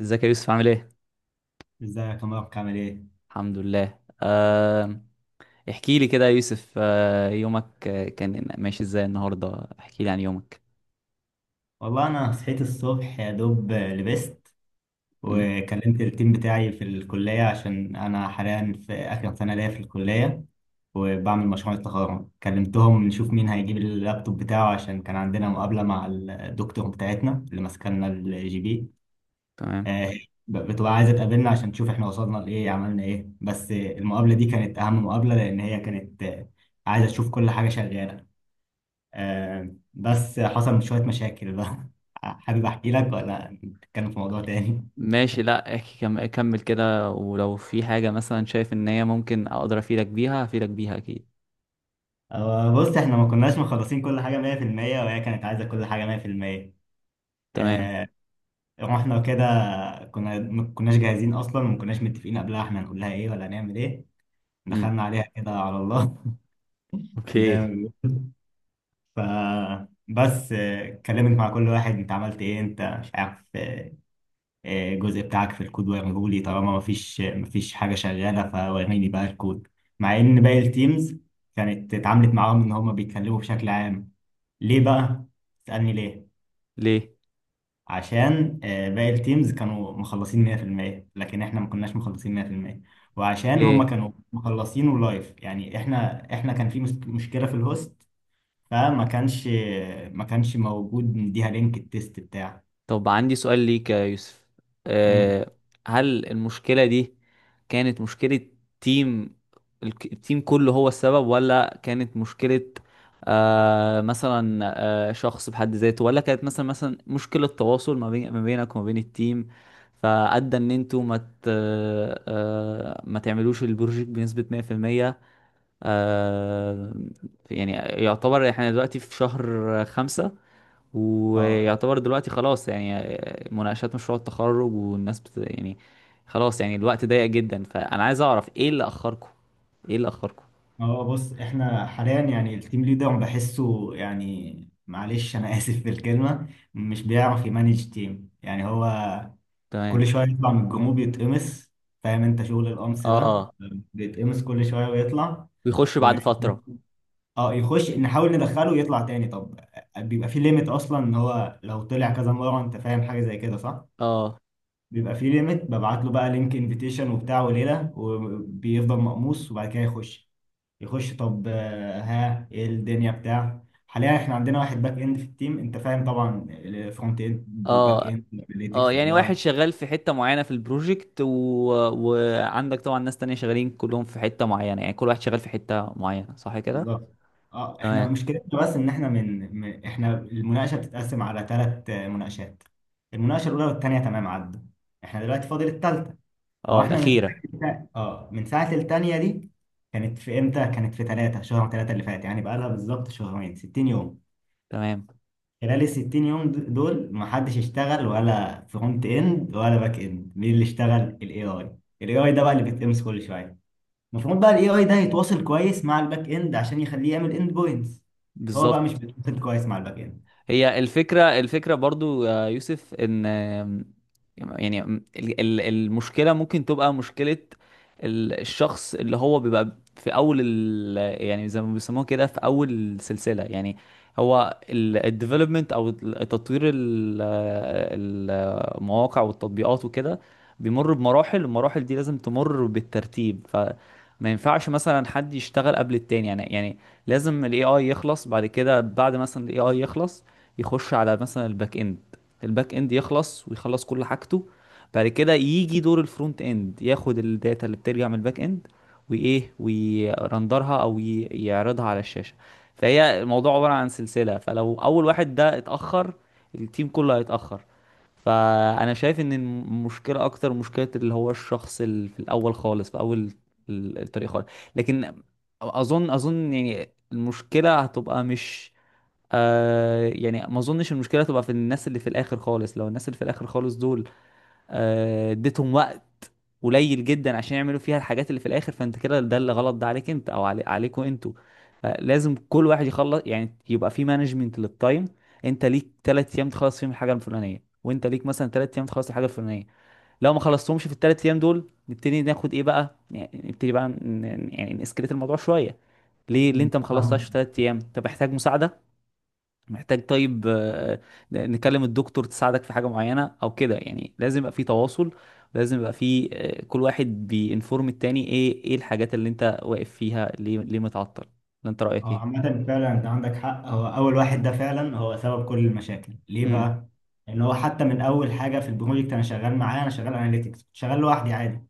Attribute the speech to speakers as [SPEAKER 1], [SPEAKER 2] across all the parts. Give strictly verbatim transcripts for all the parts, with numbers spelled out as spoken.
[SPEAKER 1] ازيك يا يوسف عامل ايه؟
[SPEAKER 2] ازيك يا مبارك عامل ايه؟
[SPEAKER 1] الحمد لله. أه... احكي لي كده يا يوسف، أه... يومك، آه، كان ماشي ازاي النهارده؟ احكي لي عن يومك.
[SPEAKER 2] والله انا صحيت الصبح يا دوب لبست،
[SPEAKER 1] مم.
[SPEAKER 2] وكلمت التيم بتاعي في الكلية عشان انا حاليا في اخر سنة ليا في الكلية وبعمل مشروع التخرج. كلمتهم نشوف مين هيجيب اللابتوب بتاعه، عشان كان عندنا مقابلة مع الدكتور بتاعتنا اللي ماسكلنا الجي بي.
[SPEAKER 1] تمام.
[SPEAKER 2] آه، ب- بتبقى عايزة تقابلنا عشان تشوف احنا وصلنا لايه، عملنا ايه. بس المقابلة دي كانت اهم مقابلة، لان هي كانت آه، عايزة تشوف كل حاجة شغالة. آه، بس حصل شوية مشاكل بقى. حابب أحكي لك ولا نتكلم في موضوع تاني؟
[SPEAKER 1] ماشي، لا احكي، كم... كمل كده، ولو في حاجة مثلا شايف ان هي ممكن اقدر افيدك بيها افيدك بيها اكيد.
[SPEAKER 2] آه، بص، إحنا ما كناش مخلصين كل حاجة مية في المية، وهي كانت عايزة كل حاجة مية في المية.
[SPEAKER 1] تمام.
[SPEAKER 2] آه، رحنا كده، كنا ما كناش جاهزين أصلا، وما كناش متفقين قبلها إحنا هنقول لها إيه ولا هنعمل إيه.
[SPEAKER 1] مم.
[SPEAKER 2] دخلنا عليها كده على الله.
[SPEAKER 1] اوكي.
[SPEAKER 2] زي ما بيقولوا. فبس آه، اتكلمت مع كل واحد، أنت عملت إيه؟ أنت مش عارف الجزء بتاعك في الكود؟ وريهولي. طالما مفيش مفيش حاجة شغالة فوريني بقى الكود، مع إن باقي التيمز كانت اتعاملت معاهم إن هما بيتكلموا بشكل عام. ليه بقى؟ تسألني ليه؟
[SPEAKER 1] ليه؟
[SPEAKER 2] عشان آه، باقي التيمز كانوا مخلصين مئة في المية، لكن إحنا ما كناش مخلصين مئة في المية، وعشان هما
[SPEAKER 1] اوكي.
[SPEAKER 2] كانوا مخلصينه لايف. يعني إحنا إحنا كان في مس- مشكلة في الهوست، فما كانش، ما كانش موجود نديها لينك التيست بتاعه.
[SPEAKER 1] طب عندي سؤال ليك يا يوسف.
[SPEAKER 2] امم.
[SPEAKER 1] أه، هل المشكلة دي كانت مشكلة تيم؟ الك- التيم كله هو السبب، ولا كانت مشكلة أه مثلا أه شخص بحد ذاته، ولا كانت مثلا مثلا مشكلة تواصل ما بين، ما بينك وما بين التيم، فأدى إن أنتوا ما ت- أه ما تعملوش البروجيكت بنسبة مية في المية؟ أه، يعني يعتبر احنا دلوقتي في شهر خمسة،
[SPEAKER 2] اه
[SPEAKER 1] ويعتبر دلوقتي خلاص، يعني مناقشات مشروع التخرج والناس بت... يعني خلاص، يعني الوقت ضيق جدا، فانا عايز اعرف ايه اللي اخركم، ايه اللي اخركم
[SPEAKER 2] اه. بص، احنا حاليا يعني التيم ليدر بحسه، يعني معلش انا اسف في الكلمه، مش بيعرف يمانج تيم. يعني هو كل
[SPEAKER 1] تمام.
[SPEAKER 2] شويه يطلع من الجروب يتقمص، فاهم انت شغل القمص ده؟
[SPEAKER 1] اه،
[SPEAKER 2] بيتقمص كل شويه ويطلع
[SPEAKER 1] ويخش
[SPEAKER 2] و...
[SPEAKER 1] بعد فترة.
[SPEAKER 2] اه، يخش نحاول ندخله ويطلع تاني. طب بيبقى في ليميت اصلا ان هو لو طلع كذا مره، انت فاهم حاجه زي كده صح؟
[SPEAKER 1] اه.
[SPEAKER 2] بيبقى فيه ليميت، ببعت له بقى لينك انفيتيشن وبتاع وليله، وبيفضل مقموص وبعد كده يخش يخش. طب آه، ها، ايه الدنيا بتاع؟ حاليا احنا عندنا واحد باك اند في التيم، انت فاهم طبعا فرونت اند وباك
[SPEAKER 1] اه.
[SPEAKER 2] اند
[SPEAKER 1] اه
[SPEAKER 2] اناليتكس
[SPEAKER 1] يعني
[SPEAKER 2] واي
[SPEAKER 1] واحد
[SPEAKER 2] اي.
[SPEAKER 1] شغال في حتة معينة في البروجكت و... وعندك طبعا ناس تانية شغالين كلهم في حتة معينة، يعني كل واحد شغال في حتة معينة، صح كده؟
[SPEAKER 2] بالظبط. اه احنا
[SPEAKER 1] تمام.
[SPEAKER 2] مشكلتنا بس ان احنا من, من احنا المناقشه بتتقسم على ثلاث مناقشات. المناقشه الاولى والثانيه تمام عدوا، احنا دلوقتي فاضل الثالثه. هو
[SPEAKER 1] اه،
[SPEAKER 2] احنا من
[SPEAKER 1] الأخيرة.
[SPEAKER 2] ساعة، اه من ساعة التانية دي. كانت في امتى؟ كانت في تلاتة شهر تلاتة اللي فات، يعني بقالها بالظبط شهرين، ستين يوم.
[SPEAKER 1] تمام.
[SPEAKER 2] خلال ال ستين يوم د- دول ما حدش اشتغل، ولا فرونت اند ولا باك اند. مين اللي اشتغل؟ الاي اي. الاي اي ده بقى اللي بيتقمص كل شوية. المفروض بقى الاي اي ده يتواصل كويس مع الباك اند عشان يخليه يعمل اند بوينتس. هو بقى مش
[SPEAKER 1] بالظبط.
[SPEAKER 2] بيتواصل كويس مع الباك
[SPEAKER 1] هي الفكرة الفكرة برضو يا يوسف ان يعني ال- ال- المشكلة ممكن تبقى مشكلة ال- الشخص اللي هو بيبقى في اول ال، يعني زي ما بيسموها كده في اول السلسلة، يعني هو الديفلوبمنت او ال- تطوير ال- المواقع والتطبيقات وكده، بيمر بمراحل. المراحل دي لازم تمر بالترتيب، فما ينفعش مثلا حد يشتغل قبل التاني، يعني يعني لازم الاي اي يخلص، بعد كده بعد مثلا الاي اي يخلص يخش على مثلا الباك اند، الباك اند يخلص ويخلص كل حاجته، بعد كده يجي دور الفرونت اند، ياخد الداتا اللي بترجع من الباك اند، وايه، ويرندرها او ي- يعرضها على الشاشة. فهي الموضوع عبارة عن سلسلة، فلو اول واحد ده اتأخر، التيم كله هيتأخر. فانا شايف ان المشكله اكتر مشكله اللي هو الشخص اللي في الاول خالص، في اول ال- الطريق خالص. لكن اظن اظن يعني المشكله هتبقى مش، آه يعني ما اظنش المشكله تبقى في الناس اللي في الاخر خالص. لو الناس اللي في الاخر خالص دول آه اديتهم وقت قليل جدا عشان يعملوا فيها الحاجات اللي في الاخر، فانت كده ده اللي غلط، ده عليك انت او علي، عليكوا انتوا. فلازم كل واحد يخلص، يعني يبقى في مانجمنت للتايم، انت ليك ثلاث ايام تخلص فيهم الحاجه الفلانيه، وانت ليك مثلا ثلاث ايام تخلص الحاجه الفلانيه. لو ما خلصتهمش في الثلاث ايام دول، نبتدي ناخد ايه بقى، يعني نبتدي بقى ن- ن- يعني نسكليت الموضوع شويه. ليه اللي انت ما خلصتهاش في
[SPEAKER 2] اند.
[SPEAKER 1] ثلاث ايام؟ انت محتاج مساعده، محتاج، طيب، آه، نكلم الدكتور تساعدك في حاجة معينة او كده، يعني لازم يبقى في تواصل، لازم يبقى في، آه، كل واحد بينفورم التاني ايه، ايه الحاجات اللي انت واقف فيها، ليه، ليه متعطل، ولا انت رأيك
[SPEAKER 2] هو
[SPEAKER 1] ايه؟
[SPEAKER 2] عامة فعلا انت عندك حق، هو اول واحد ده فعلا هو سبب كل المشاكل. ليه
[SPEAKER 1] امم.
[SPEAKER 2] بقى؟ لان هو حتى من اول حاجة في البروجكت انا شغال معاه، انا شغال اناليتكس، كنت شغال لوحدي عادي.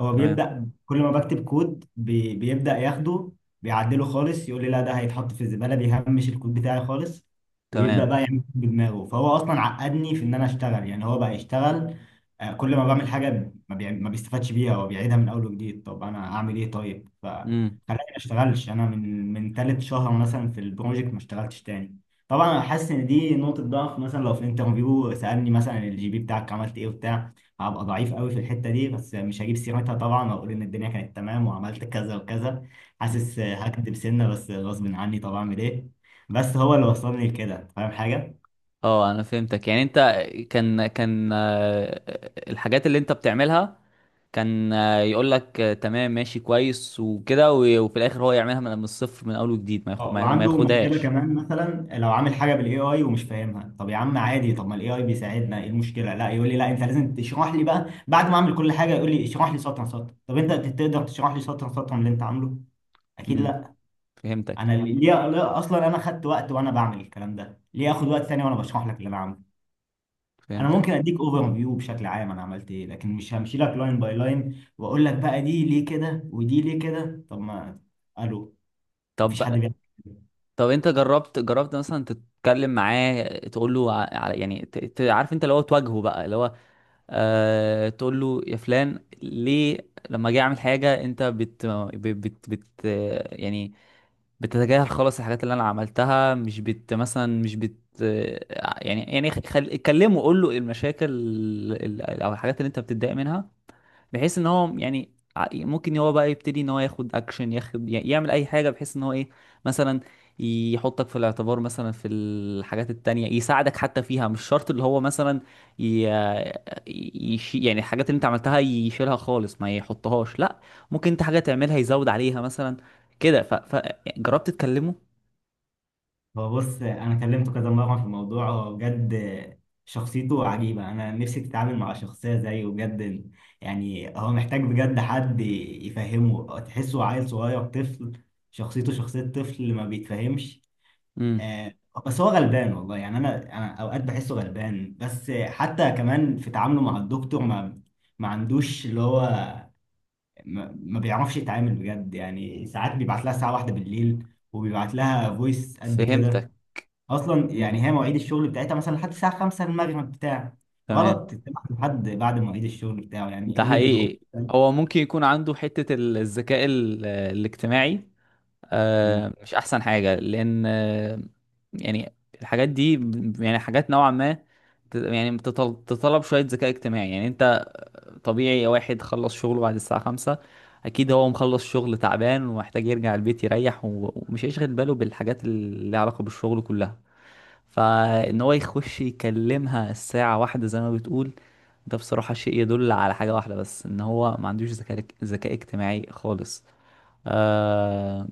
[SPEAKER 2] هو
[SPEAKER 1] تمام.
[SPEAKER 2] بيبدأ كل ما بكتب كود بي بيبدأ ياخده، بيعدله خالص، يقول لي لا ده هيتحط في الزبالة، بيهمش الكود بتاعي خالص ويبدأ
[SPEAKER 1] تمام.
[SPEAKER 2] بقى يعمل كود بدماغه. فهو اصلا عقدني في ان انا اشتغل. يعني هو بقى يشتغل، آه، كل ما بعمل حاجة ما, بيعم- ما بيستفادش بيها، هو بيعيدها من اول وجديد. طب انا اعمل ايه طيب؟
[SPEAKER 1] امم.
[SPEAKER 2] خلاني ما اشتغلش انا من من تالت شهر مثلا في البروجكت، ما اشتغلتش تاني. طبعا انا حاسس ان دي نقطه ضعف، مثلا لو في انترفيو سالني مثلا الجي بي بتاعك عملت ايه وبتاع، هبقى ضعيف قوي في الحته دي. بس مش هجيب سيرتها طبعا، واقول ان الدنيا كانت تمام وعملت كذا وكذا. حاسس هكدب سنه، بس غصب عني طبعا، اعمل ايه؟ بس هو اللي وصلني لكده، فاهم حاجه.
[SPEAKER 1] اه، انا فهمتك، يعني انت كان كان، آه، الحاجات اللي انت بتعملها كان آه، يقول لك، آه، تمام ماشي كويس وكده، و- وفي الاخر هو يعملها من من الصفر، من اول وجديد، ما ياخد،
[SPEAKER 2] اه،
[SPEAKER 1] ما ياخ- ما
[SPEAKER 2] وعنده مشكله
[SPEAKER 1] ياخدهاش.
[SPEAKER 2] كمان، مثلا لو عامل حاجه بالاي اي ومش فاهمها، طب يا عم عادي، طب ما الاي اي بيساعدنا، ايه المشكله؟ لا، يقول لي لا انت لازم تشرح لي بقى، بعد ما اعمل كل حاجه يقول لي اشرح لي سطر سطر. طب انت تقدر تشرح لي سطر سطر من اللي انت عامله؟ اكيد
[SPEAKER 1] امم.
[SPEAKER 2] لا.
[SPEAKER 1] فهمتك.
[SPEAKER 2] انا ليه؟ ليه اصلا انا خدت وقت وانا بعمل الكلام ده، ليه اخد وقت ثاني وانا بشرح لك اللي انا عامله؟ انا
[SPEAKER 1] فهمتك.
[SPEAKER 2] ممكن اديك اوفر فيو بشكل عام انا عملت ايه، لكن مش همشي لك لاين باي لاين واقول لك بقى دي ليه كده ودي ليه كده. طب ما الو، مفيش
[SPEAKER 1] طب
[SPEAKER 2] حد بيعمل كده.
[SPEAKER 1] طب انت جربت جربت مثلا تتكلم معاه، تقول له ع- على يعني ت- ت- عارف انت اللي هو تواجهه بقى، اللي هو آه، تقول له يا فلان، ليه لما اجي اعمل حاجه انت بت ب- بت بت يعني بتتجاهل خالص الحاجات اللي انا عملتها، مش بت مثلا مش بت يعني، يعني خل... كلمه، قول له المشاكل ال- ال- او الحاجات اللي انت بتتضايق منها، بحيث ان هو يعني، ع- ممكن هو بقى يبتدي ان هو ياخد اكشن، ياخد ي- يعمل اي حاجه، بحيث ان هو ايه، مثلا يحطك في الاعتبار مثلا في الحاجات التانية، يساعدك حتى فيها، مش شرط اللي هو مثلا ي... يشي... يعني الحاجات اللي انت عملتها يشيلها خالص ما يحطهاش، لا، ممكن انت حاجة تعملها يزود عليها مثلا كده، ف... ف... جربت تكلمه؟
[SPEAKER 2] هو بص، انا كلمته كذا مره في الموضوع، هو بجد شخصيته عجيبه، انا نفسي تتعامل مع شخصيه زيه بجد. يعني هو محتاج بجد حد يفهمه، تحسه عيل صغير طفل، شخصيته شخصيه طفل ما بيتفهمش.
[SPEAKER 1] امم.
[SPEAKER 2] آه، بس هو غلبان والله، يعني انا انا اوقات بحسه غلبان. بس حتى كمان في تعامله مع الدكتور ما ما عندوش اللي هو، ما, ما بيعرفش يتعامل بجد، يعني ساعات بيبعت لها الساعه واحدة بالليل، وبيبعت لها فويس قد
[SPEAKER 1] فهمتك.
[SPEAKER 2] كده اصلا.
[SPEAKER 1] امم.
[SPEAKER 2] يعني هي مواعيد الشغل بتاعتها مثلا لحد الساعه خمسة المغرب بتاع،
[SPEAKER 1] تمام.
[SPEAKER 2] غلط تتابع لحد بعد مواعيد الشغل بتاعه،
[SPEAKER 1] ده
[SPEAKER 2] يعني قله ذوق.
[SPEAKER 1] حقيقي. هو ممكن يكون عنده حتة ال- الذكاء ال- الاجتماعي،
[SPEAKER 2] أمم.
[SPEAKER 1] آه، مش احسن حاجه لان، آه، يعني الحاجات دي ب- يعني حاجات نوعا ما، ت- يعني بتطل- تطلب شويه ذكاء اجتماعي. يعني انت طبيعي واحد خلص شغله بعد الساعه خمسة، اكيد هو مخلص شغل تعبان ومحتاج يرجع البيت يريح، و- ومش هيشغل باله بالحاجات اللي لها علاقه بالشغل كلها، فان هو يخش يكلمها الساعه واحدة زي ما بتقول، ده بصراحه شيء يدل على حاجه واحده بس، ان هو ما عندوش ذكاء ذكاء اجتماعي خالص، آه،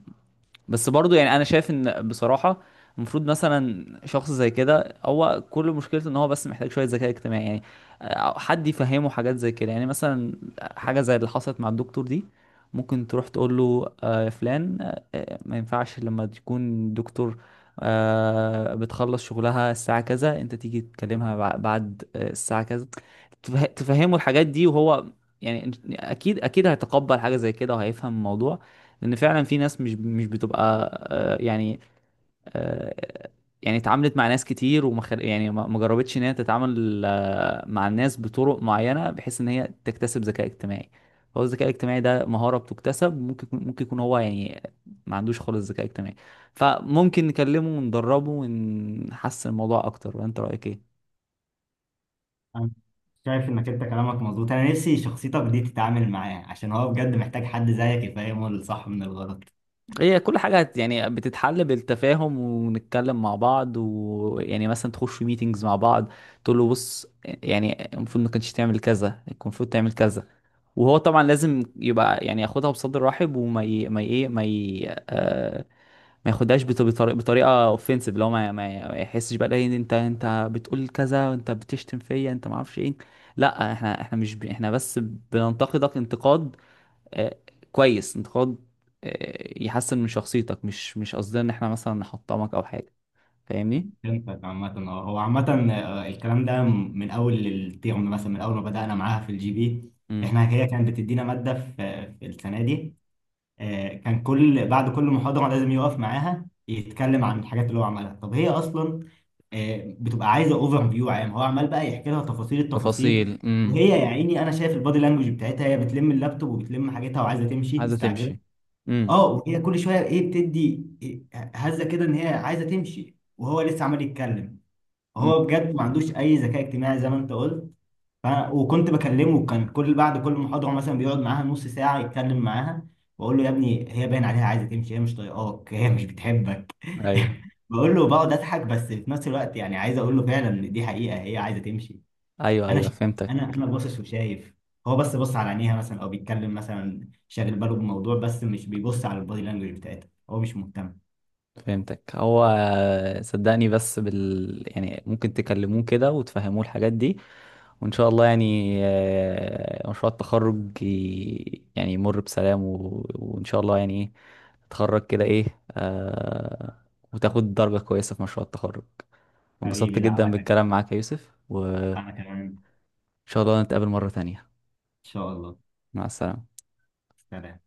[SPEAKER 1] بس برضو يعني انا شايف ان بصراحة المفروض مثلا شخص زي كده، هو كل مشكلته ان هو بس محتاج شوية ذكاء اجتماعي، يعني، آه، حد يفهمه حاجات زي كده، يعني مثلا حاجة زي اللي حصلت مع الدكتور دي، ممكن تروح تقول له آه يا فلان، آه آه، ما ينفعش لما تكون دكتور آه بتخلص شغلها الساعة كذا، انت تيجي تكلمها بع- بعد، آه، الساعة كذا، تفه- تفهمه الحاجات دي، وهو يعني اكيد اكيد هيتقبل حاجة زي كده، وهيفهم الموضوع. لان فعلا في ناس مش مش بتبقى، آه، يعني، آه، يعني اتعاملت مع ناس كتير، وما خل- يعني ما ما جربتش ان هي تتعامل، آه، مع الناس بطرق معينه، بحيث ان هي تكتسب ذكاء اجتماعي. هو الذكاء الاجتماعي ده مهاره بتكتسب، ممكن يكون- ممكن يكون هو يعني ما عندوش خالص ذكاء اجتماعي، فممكن نكلمه وندربه ونحسن الموضوع اكتر، وانت رايك ايه؟
[SPEAKER 2] أنا شايف انك انت كلامك مظبوط، انا نفسي شخصيتك دي تتعامل معاه، عشان هو بجد محتاج حد زيك يفهمه الصح من الغلط.
[SPEAKER 1] هي كل حاجة هت- يعني بتتحل بالتفاهم ونتكلم مع بعض، ويعني مثلا تخش في ميتينجز مع بعض، تقول له بص يعني المفروض ما كانش تعمل كذا، كان المفروض تعمل كذا، وهو طبعا لازم يبقى يعني ياخدها بصدر رحب، وما ي... ما ي... ايه ما ي... آه... ما ياخدهاش بط- بطريقة بطريقة اوفنسيف، لو ما ما ما يحسش بقى إيه، انت انت بتقول كذا وانت بتشتم فيا، انت ما اعرفش ايه، لا، احنا احنا مش ب... احنا بس بننتقدك انتقاد، آه، كويس، انتقاد، آه، يحسن من شخصيتك، مش مش قصدنا ان احنا مثلا نحطمك او حاجه. فاهمني؟
[SPEAKER 2] فهمتك. عامة اه هو عامة آه، الكلام ده م- من اول الترم، مثلا من اول ما بدأنا معاها في الجي بي.
[SPEAKER 1] امم.
[SPEAKER 2] احنا هي كانت بتدينا مادة في في السنة دي. آه، كان كل بعد كل محاضرة لازم يقف معاها يتكلم عن الحاجات اللي هو عملها. طب هي أصلا آه، بتبقى عايزة اوفر فيو عام، هو عمال بقى يحكي لها تفاصيل التفاصيل.
[SPEAKER 1] تفاصيل. امم.
[SPEAKER 2] وهي يا عيني أنا شايف البادي لانجوج بتاعتها، هي بتلم اللابتوب وبتلم حاجتها وعايزة تمشي
[SPEAKER 1] عايزه
[SPEAKER 2] مستعجلة.
[SPEAKER 1] تمشي. امم.
[SPEAKER 2] اه، وهي كل شوية ايه بتدي إيه هزة كده إن هي عايزة تمشي، وهو لسه عمال يتكلم. هو
[SPEAKER 1] امم.
[SPEAKER 2] بجد ما عندوش أي ذكاء اجتماعي زي ما أنت قلت. فأنا وكنت بكلمه، كان كل بعد كل محاضرة مثلا بيقعد معاها نص ساعة يتكلم معاها، وأقول له يا ابني هي باين عليها عايزة تمشي، هي مش طايقاك، هي مش بتحبك.
[SPEAKER 1] ايوه.
[SPEAKER 2] بقول له بقعد أضحك، بس في نفس الوقت يعني عايز أقول له فعلا إن دي حقيقة هي عايزة تمشي.
[SPEAKER 1] ايوه
[SPEAKER 2] أنا
[SPEAKER 1] ايوه
[SPEAKER 2] ش...
[SPEAKER 1] فهمتك.
[SPEAKER 2] أنا أنا باصص وشايف، هو بس بص على عينيها مثلا، أو بيتكلم مثلا شاغل باله بموضوع بس مش بيبص على البادي لانجوج بتاعتها، هو مش مهتم.
[SPEAKER 1] فهمتك. هو صدقني بس بال يعني ممكن تكلموه كده وتفهموه الحاجات دي، وإن شاء الله يعني آه، مشروع التخرج ي- يعني يمر بسلام و... وإن شاء الله يعني إيه، تتخرج كده إيه، آه، وتاخد درجة كويسة في مشروع التخرج. انبسطت
[SPEAKER 2] حبيبي
[SPEAKER 1] جدا
[SPEAKER 2] دعواتك.
[SPEAKER 1] بالكلام معاك يا يوسف، وإن
[SPEAKER 2] أنا كمان إن
[SPEAKER 1] شاء الله نتقابل مرة تانية.
[SPEAKER 2] شاء الله.
[SPEAKER 1] مع السلامة.
[SPEAKER 2] سلام.